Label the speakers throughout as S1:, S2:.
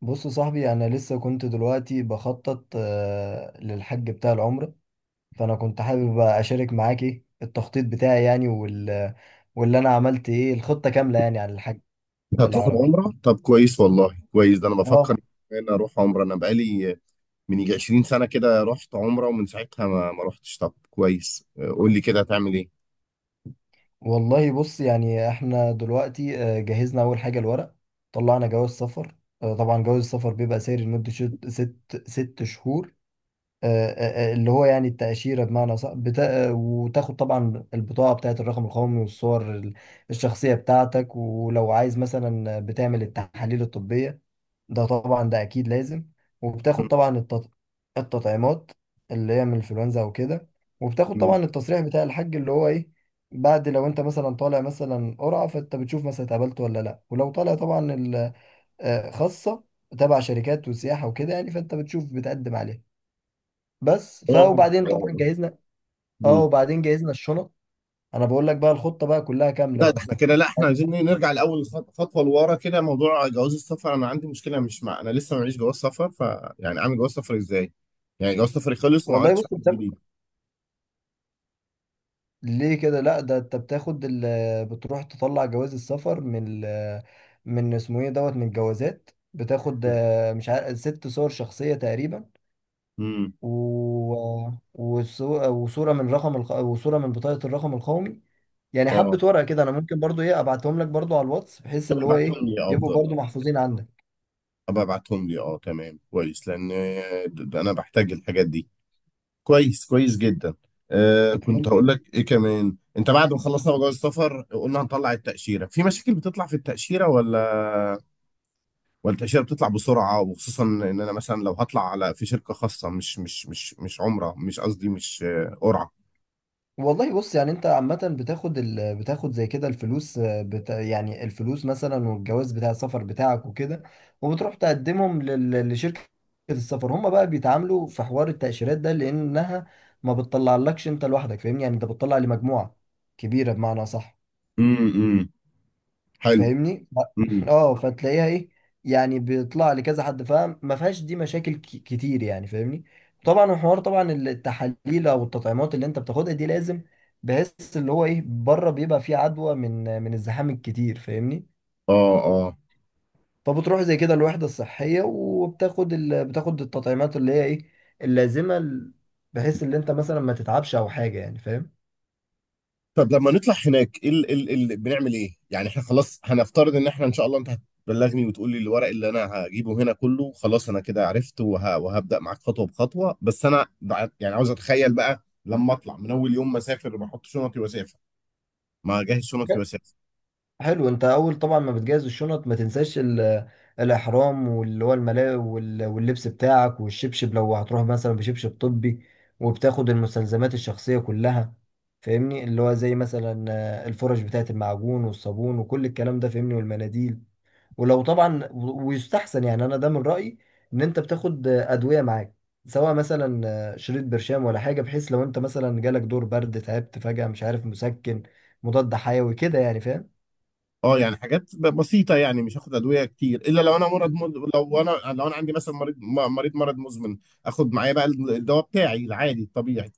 S1: بص يا صاحبي، انا لسه كنت دلوقتي بخطط، للحج بتاع العمرة. فانا كنت حابب بقى اشارك معاك ايه التخطيط بتاعي، يعني واللي انا عملت، ايه، الخطة كاملة يعني عن الحج
S2: هتروح
S1: بالعربي.
S2: العمرة؟ طب كويس والله، كويس. ده انا بفكر
S1: اه،
S2: ان انا اروح عمرة. انا بقالي من يجي 20 سنة كده رحت عمرة، ومن ساعتها ما رحتش. طب كويس، قول لي كده، هتعمل ايه؟
S1: والله بص، يعني احنا دلوقتي، جهزنا اول حاجة الورق. طلعنا جواز سفر. طبعا جواز السفر بيبقى ساري لمدة ست شهور. اللي هو يعني التأشيرة بمعنى صح. وتاخد طبعا البطاقة بتاعة الرقم القومي، والصور الشخصية بتاعتك. ولو عايز، مثلا بتعمل التحاليل الطبية، ده طبعا ده أكيد لازم. وبتاخد طبعا التطعيمات اللي هي من الإنفلونزا أو كده. وبتاخد
S2: مم.
S1: طبعا التصريح بتاع الحج اللي هو إيه، بعد لو أنت مثلا طالع مثلا قرعة، فأنت بتشوف مثلا اتقبلت ولا لأ. ولو طالع طبعا خاصة تبع شركات وسياحة وكده، يعني فأنت بتشوف بتقدم عليها. بس
S2: اه.
S1: وبعدين طبعا
S2: آه.
S1: جهزنا، اه،
S2: مم.
S1: وبعدين جهزنا الشنط. انا بقول لك بقى الخطه بقى كلها كامله
S2: لا، ده
S1: بقى.
S2: احنا كده. لا، احنا عايزين إيه، نرجع لاول خطوه لورا كده. موضوع جواز السفر، انا عندي مشكله، مش مع، انا لسه معيش جواز سفر، ف يعني اعمل جواز سفر ازاي؟ يعني جواز سفري خلص وما
S1: والله
S2: عملتش
S1: بص
S2: واحد
S1: انت،
S2: جديد.
S1: ليه كده؟ لا، ده انت بتروح تطلع جواز السفر من من اسمه ايه دوت من الجوازات. بتاخد، مش عارف، ست صور شخصيه تقريبا،
S2: امم.
S1: و... وصوره من وصوره من بطاقه الرقم القومي. يعني حبه
S2: اه،
S1: ورقه كده. انا ممكن برضو، ايه، ابعتهم لك برضو على الواتس، بحيث
S2: طب
S1: اللي هو ايه،
S2: ابعتهم لي،
S1: يبقوا
S2: افضل.
S1: برضو
S2: اه،
S1: محفوظين عندك.
S2: ابقى ابعتهم لي، اه تمام كويس. لان ده انا بحتاج الحاجات دي. كويس كويس جدا. كنت هقول لك ايه كمان، انت بعد ما خلصنا جواز السفر قلنا هنطلع التاشيره، في مشاكل بتطلع في التاشيره ولا؟ والتأشيرة بتطلع بسرعة، وخصوصا إن أنا مثلا لو هطلع على، في شركة خاصة، مش عمرة، مش قصدي، مش قرعة.
S1: والله بص، يعني انت عامة بتاخد زي كده الفلوس، يعني الفلوس مثلا، والجواز بتاع السفر بتاعك وكده. وبتروح تقدمهم لشركة السفر. هم بقى بيتعاملوا في حوار التأشيرات ده، لأنها ما بتطلعلكش انت لوحدك، فاهمني؟ يعني انت بتطلع لمجموعة كبيرة بمعنى صح.
S2: امم. حلو.
S1: فاهمني؟
S2: مم.
S1: اه، فتلاقيها، ايه، يعني بيطلع لكذا حد، فاهم؟ ما فيهاش دي مشاكل كتير يعني، فاهمني؟ طبعا الحوار، طبعا التحاليل او التطعيمات اللي انت بتاخدها دي لازم، بحيث اللي هو ايه، بره بيبقى فيه عدوى من الزحام الكتير، فاهمني؟
S2: اه اه.
S1: فبتروح زي كده الوحدة الصحية، وبتاخد بتاخد التطعيمات اللي هي ايه، اللازمة، بحيث ان انت مثلا ما تتعبش او حاجة، يعني فاهم؟
S2: طب لما نطلع هناك، ايه ال ال ال بنعمل ايه؟ يعني احنا خلاص هنفترض ان احنا ان شاء الله انت هتبلغني وتقول لي الورق اللي انا هجيبه هنا كله، خلاص انا كده عرفت وهبدأ معاك خطوة بخطوة. بس انا يعني عاوز اتخيل بقى لما اطلع، من اول يوم ما اسافر بحط شنطي واسافر، ما اجهز شنطي واسافر.
S1: حلو. انت اول طبعا ما بتجهز الشنط، ما تنساش الاحرام، واللي هو الملاء واللبس بتاعك، والشبشب لو هتروح مثلا بشبشب طبي. وبتاخد المستلزمات الشخصية كلها، فاهمني؟ اللي هو زي مثلا، الفرش بتاعة المعجون والصابون وكل الكلام ده، فاهمني، والمناديل. ولو طبعا ويستحسن يعني، انا ده من رأيي، ان انت بتاخد، ادوية معاك، سواء مثلا، شريط برشام ولا حاجة، بحيث لو انت مثلا جالك دور برد، تعبت فجأة، مش عارف، مسكن، مضاد حيوي كده يعني، فاهم؟
S2: اه، يعني حاجات بسيطه، يعني مش هاخد ادويه كتير، الا لو انا لو انا عندي مثلا مريض مرض مزمن، اخد معايا بقى الدواء بتاعي العادي الطبيعي.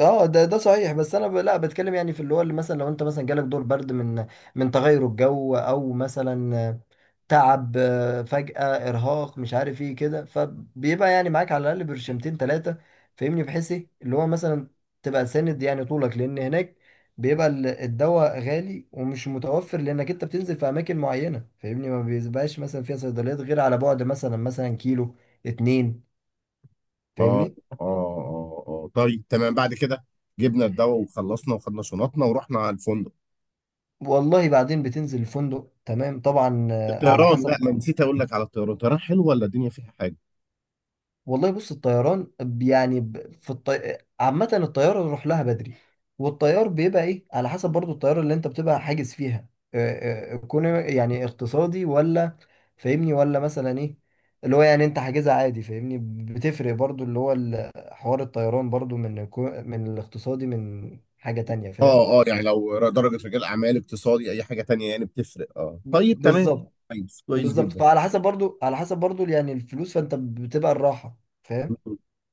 S1: اه، ده ده صحيح. بس انا لا، بتكلم يعني في اللي هو، اللي مثلا لو انت مثلا جالك دور برد من، من تغير الجو، او مثلا تعب، فجأة، ارهاق، مش عارف ايه كده. فبيبقى يعني معاك على الاقل برشمتين ثلاثة، فاهمني؟ بحيث ايه، اللي هو مثلا تبقى ساند يعني طولك، لان هناك بيبقى الدواء غالي ومش متوفر، لانك انت بتنزل في اماكن معينة، فاهمني؟ ما بيبقاش مثلا فيها صيدليات غير على بعد، مثلا مثلا، كيلو اتنين،
S2: اه
S1: فاهمني؟
S2: اه اه اه، طيب تمام. بعد كده جبنا الدواء وخلصنا وخدنا شنطنا ورحنا على الفندق.
S1: والله بعدين بتنزل الفندق، تمام؟ طبعا، على
S2: الطيران،
S1: حسب
S2: لا، ما
S1: طبعا.
S2: نسيت اقول لك على الطيران. الطيران حلو ولا الدنيا فيها حاجه؟
S1: والله بص، الطيران، يعني عامة الطيارة نروح لها بدري. والطيار بيبقى ايه على حسب، برضو الطيارة اللي انت بتبقى حاجز فيها، كون يعني اقتصادي، ولا، فاهمني؟ ولا مثلا ايه، اللي هو يعني انت حاجزها عادي، فاهمني؟ بتفرق برضو اللي هو حوار الطيران، برضو من من الاقتصادي، من حاجة تانية، فاهم؟
S2: اه اه، يعني لو درجه رجال اعمال، اقتصادي، اي حاجه تانية، يعني بتفرق. اه طيب تمام.
S1: بالظبط.
S2: كويس كويس
S1: بالظبط.
S2: جدا.
S1: فعلى حسب برضو، على حسب برضو يعني الفلوس، فانت بتبقى الراحة،
S2: م-
S1: فاهم؟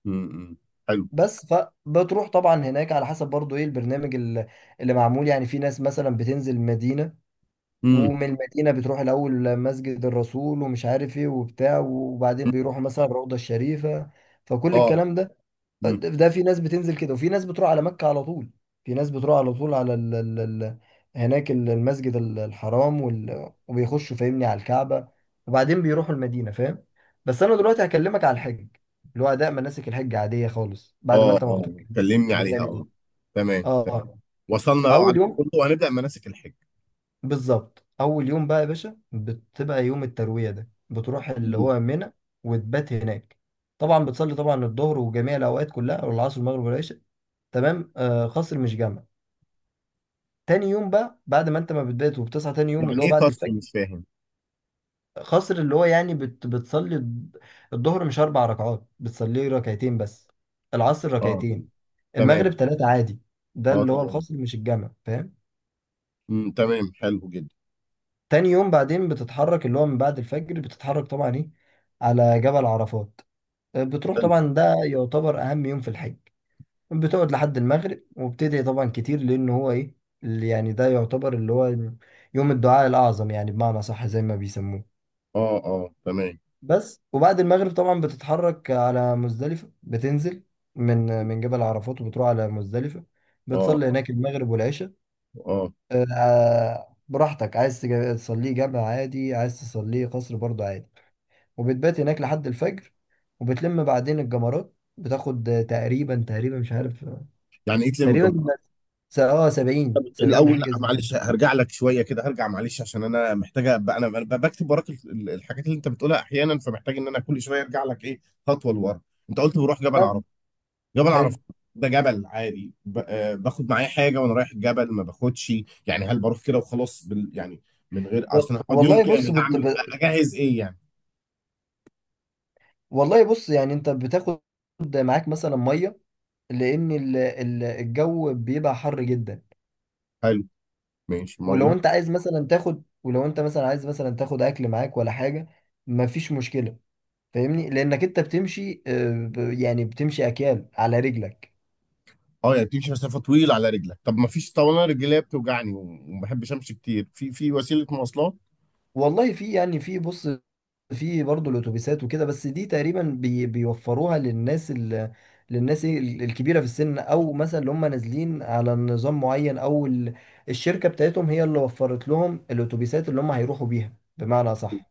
S2: م- م. حلو.
S1: بس فبتروح طبعا هناك على حسب برضو ايه البرنامج اللي معمول. يعني في ناس مثلا بتنزل مدينة،
S2: امم.
S1: ومن المدينة بتروح الأول مسجد الرسول، ومش عارف ايه وبتاع، وبعدين بيروحوا مثلا الروضة الشريفة، فكل
S2: اه
S1: الكلام ده. ده في ناس بتنزل كده، وفي ناس بتروح على مكة على طول. في ناس بتروح على طول على ال هناك، المسجد الحرام، وبيخشوا فاهمني على الكعبة، وبعدين بيروحوا المدينة، فاهم؟ بس أنا دلوقتي هكلمك على الحج، اللي هو أداء مناسك الحج عادية خالص، بعد ما
S2: اه
S1: أنت ما
S2: اه
S1: بتروح
S2: كلمني عليها،
S1: بتعمل
S2: اه.
S1: إيه؟
S2: تمام
S1: آه،
S2: تمام.
S1: آه.
S2: وصلنا بقى
S1: أول
S2: وعدنا
S1: يوم،
S2: كله، وهنبدأ مناسك الحج.
S1: بالظبط، أول يوم بقى يا باشا بتبقى يوم التروية، ده بتروح اللي
S2: مم.
S1: هو منى، وتبات هناك. طبعا بتصلي طبعا الظهر وجميع الأوقات كلها، والعصر والمغرب والعشاء. تمام. آه، خصر مش جمع. تاني يوم بقى، بعد ما انت ما بتبات، وبتصحى تاني يوم
S2: يعني
S1: اللي هو
S2: ايه
S1: بعد
S2: قصر؟
S1: الفجر.
S2: مش فاهم.
S1: خصر اللي هو يعني بتصلي الظهر مش اربع ركعات، بتصلي ركعتين بس، العصر
S2: اه
S1: ركعتين، المغرب
S2: تمام.
S1: ثلاثة عادي. ده
S2: اه
S1: اللي هو
S2: تمام.
S1: الخصر مش الجمع، فاهم؟
S2: مم. تمام حلو جدا.
S1: تاني يوم بعدين بتتحرك، اللي هو من بعد الفجر بتتحرك طبعا، ايه، على جبل عرفات. بتروح طبعا، ده يعتبر اهم يوم في الحج. بتقعد لحد المغرب، وبتدعي طبعا كتير، لان هو ايه، اللي يعني ده يعتبر اللي هو يوم الدعاء الاعظم يعني، بمعنى صح زي ما بيسموه.
S2: اه اه تمام.
S1: بس. وبعد المغرب طبعا بتتحرك على مزدلفة. بتنزل من جبل عرفات، وبتروح على مزدلفة.
S2: اه
S1: بتصلي
S2: اه
S1: هناك المغرب والعشاء.
S2: اه،
S1: براحتك، عايز تصليه جامع عادي، عايز تصليه قصر برضه عادي. وبتبات هناك لحد الفجر. وبتلم بعدين الجمرات، بتاخد تقريبا، تقريبا مش عارف
S2: يعني ايه تلم
S1: تقريبا
S2: الجمهور؟
S1: س- اه 70 70
S2: الاول، لا
S1: حاجه زي كده.
S2: معلش، هرجع لك شويه كده، هرجع معلش عشان انا محتاجه، ابقى، أنا بكتب وراك الحاجات اللي انت بتقولها احيانا، فمحتاج ان انا كل شويه ارجع لك ايه، خطوه لورا. انت قلت بروح
S1: ده
S2: جبل
S1: حلو.
S2: عرفات. ده جبل عادي باخد معايا حاجه وانا رايح الجبل ما باخدش؟ يعني هل بروح كده وخلاص، بال يعني، من غير،
S1: و-
S2: اصل أنا هقعد يوم
S1: والله بص
S2: كامل،
S1: بت... ب...
S2: هعمل اجهز ايه يعني؟
S1: والله بص، يعني انت بتاخد معاك مثلا ميه، لان الجو بيبقى حر جدا.
S2: حلو. ماشي
S1: ولو
S2: ميه.
S1: انت عايز مثلا تاخد، ولو انت مثلا عايز مثلا تاخد اكل معاك ولا حاجه، مفيش مشكله، فاهمني؟ لانك انت بتمشي، يعني بتمشي اكيال على رجلك.
S2: اه، يعني بتمشي مسافه طويله على رجلك. طب ما فيش، طب انا رجليا بتوجعني وما بحبش امشي كتير، في وسيله مواصلات؟
S1: والله في، يعني في، بص، في برضه الاتوبيسات وكده، بس دي تقريبا بيوفروها للناس للناس إيه، الكبيره في السن، او مثلا اللي هم نازلين على نظام معين، او الشركه بتاعتهم هي اللي وفرت لهم الاتوبيسات اللي هم هيروحوا بيها، بمعنى صح،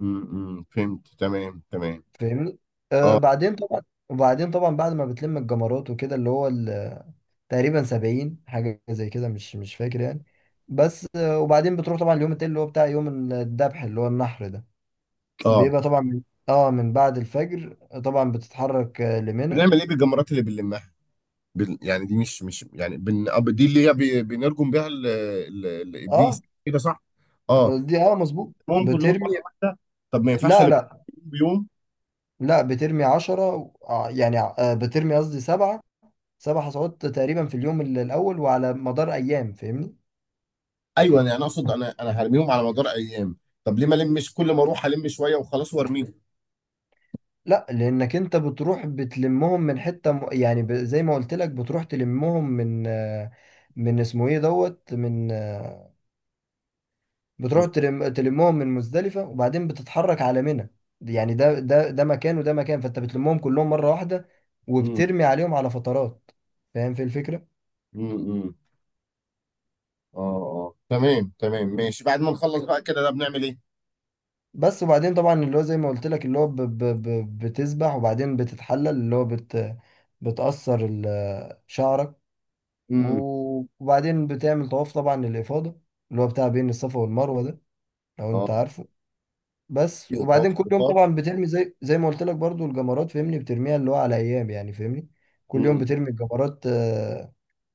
S2: فهمت، تمام تمام.
S1: فاهمني؟ آه،
S2: اه
S1: بعدين طبعا. وبعدين طبعا بعد ما بتلم الجمرات وكده، اللي هو تقريبا 70 حاجه زي كده، مش فاكر يعني. بس، آه، وبعدين بتروح طبعا اليوم التاني اللي هو بتاع يوم الذبح اللي هو النحر ده.
S2: اه.
S1: بيبقى طبعا من، اه، من بعد الفجر. طبعا بتتحرك، لمنى.
S2: بنعمل ايه بالجمرات اللي بنلمها؟ يعني دي مش يعني دي اللي هي بنرجم بيها
S1: اه،
S2: الابليس، كده صح؟ اه.
S1: دي اه مظبوط،
S2: هم كلهم
S1: بترمي.
S2: مره واحده؟ طب ما ينفعش
S1: لا
S2: الم
S1: لا
S2: بيوم؟
S1: لا بترمي عشرة، بترمي، قصدي، سبعة. سبع حصوات تقريبا في اليوم الأول، وعلى مدار أيام، فاهمني؟
S2: ايوه، انا يعني اقصد، انا هرميهم على مدار ايام. طب ليه ما المش كل ما اروح الم شويه وخلاص وارميهم؟
S1: لا، لأنك أنت بتروح بتلمهم من حتة يعني زي ما قلت لك، بتروح تلمهم من، من اسمه إيه دوت، من،
S2: مم.
S1: تلمهم من مزدلفة، وبعدين بتتحرك على منى. يعني ده مكان، وده مكان، فانت بتلمهم كلهم مرة واحدة،
S2: مم.
S1: وبترمي عليهم على فترات. فاهم في الفكرة؟
S2: مم. اه اه تمام تمام ماشي. بعد ما نخلص بقى كده، ده بنعمل ايه؟
S1: بس. وبعدين طبعا اللي هو زي ما قلت لك، اللي هو بتسبح، وبعدين بتتحلل اللي هو بتأثر شعرك.
S2: امم.
S1: وبعدين بتعمل طواف طبعا للإفاضة، اللي هو بتاع بين الصفا والمروة ده، لو انت
S2: اه،
S1: عارفه. بس.
S2: طواف
S1: وبعدين كل يوم
S2: الافاضه.
S1: طبعا بترمي، زي ما قلت لك برضو، الجمرات، فاهمني؟ بترميها اللي هو على ايام يعني، فاهمني؟ كل يوم
S2: امم.
S1: بترمي الجمرات،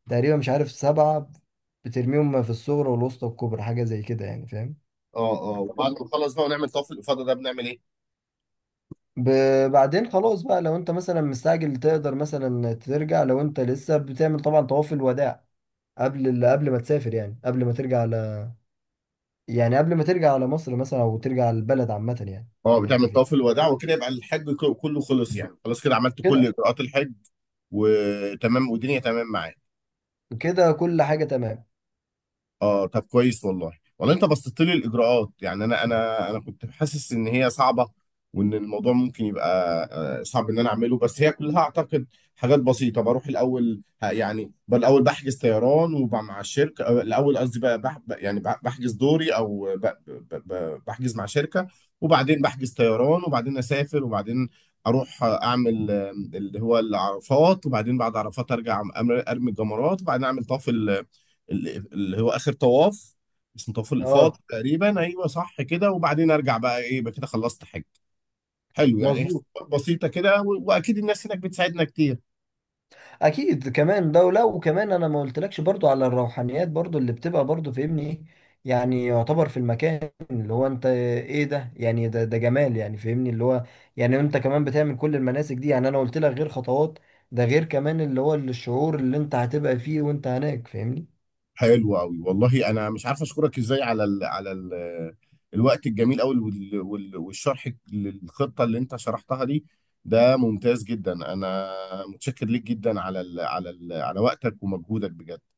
S1: تقريبا، مش عارف، سبعة. بترميهم في الصغرى والوسطى والكبرى، حاجة زي كده يعني، فاهم؟
S2: اه اه، وبعد ما نخلص بقى ونعمل طواف الافاضه ده بنعمل ايه؟
S1: بعدين خلاص بقى، لو انت مثلا مستعجل تقدر مثلا ترجع، لو انت لسه بتعمل طبعا طواف الوداع قبل قبل ما تسافر، يعني قبل ما ترجع على، يعني قبل ما ترجع على مصر مثلا، او ترجع على البلد عامة يعني،
S2: اه،
S1: اللي انت
S2: بتعمل
S1: فيه
S2: طواف الوداع وكده، يبقى الحج كله خلص. يعني خلاص كده عملت كل
S1: كده.
S2: اجراءات الحج. وتمام والدنيا تمام معاك.
S1: كده كل حاجة تمام.
S2: اه طب كويس والله. والله انت بسطت لي الاجراءات، يعني انا كنت حاسس ان هي صعبه، وان الموضوع ممكن يبقى صعب ان انا اعمله. بس هي كلها اعتقد حاجات بسيطه. بروح الاول يعني بالاول بحجز طيران وبقى مع الشركه، الاول قصدي بقى، بح ب- يعني بح- بحجز دوري او بحجز مع شركه، وبعدين بحجز طيران، وبعدين اسافر، وبعدين اروح اعمل اللي هو العرفات، وبعدين بعد عرفات ارجع ارمي الجمرات، وبعدين اعمل طواف اللي هو اخر طواف، اسمه طواف الافاضه
S1: اه،
S2: تقريبا، ايوه صح كده. وبعدين ارجع بقى، ايه يبقى كده خلصت حج. حلو، يعني هي
S1: مظبوط.
S2: خطوات بسيطه كده، واكيد الناس هناك بتساعدنا كتير.
S1: اكيد، كمان دولة. وكمان انا ما قلتلكش برضو على الروحانيات برضو اللي بتبقى برضو، فاهمني؟ ايه يعني، يعتبر في المكان اللي هو انت ايه ده، يعني ده جمال يعني، فاهمني؟ اللي هو، يعني انت كمان بتعمل كل المناسك دي، يعني انا قلت لك غير خطوات، ده غير كمان اللي هو الشعور اللي انت هتبقى فيه وانت هناك، فاهمني؟
S2: حلو قوي والله، انا مش عارف اشكرك ازاي على ال على ال الوقت الجميل قوي والشرح للخطه اللي انت شرحتها دي. ده ممتاز جدا. انا متشكر ليك جدا على ال على ال على وقتك ومجهودك بجد.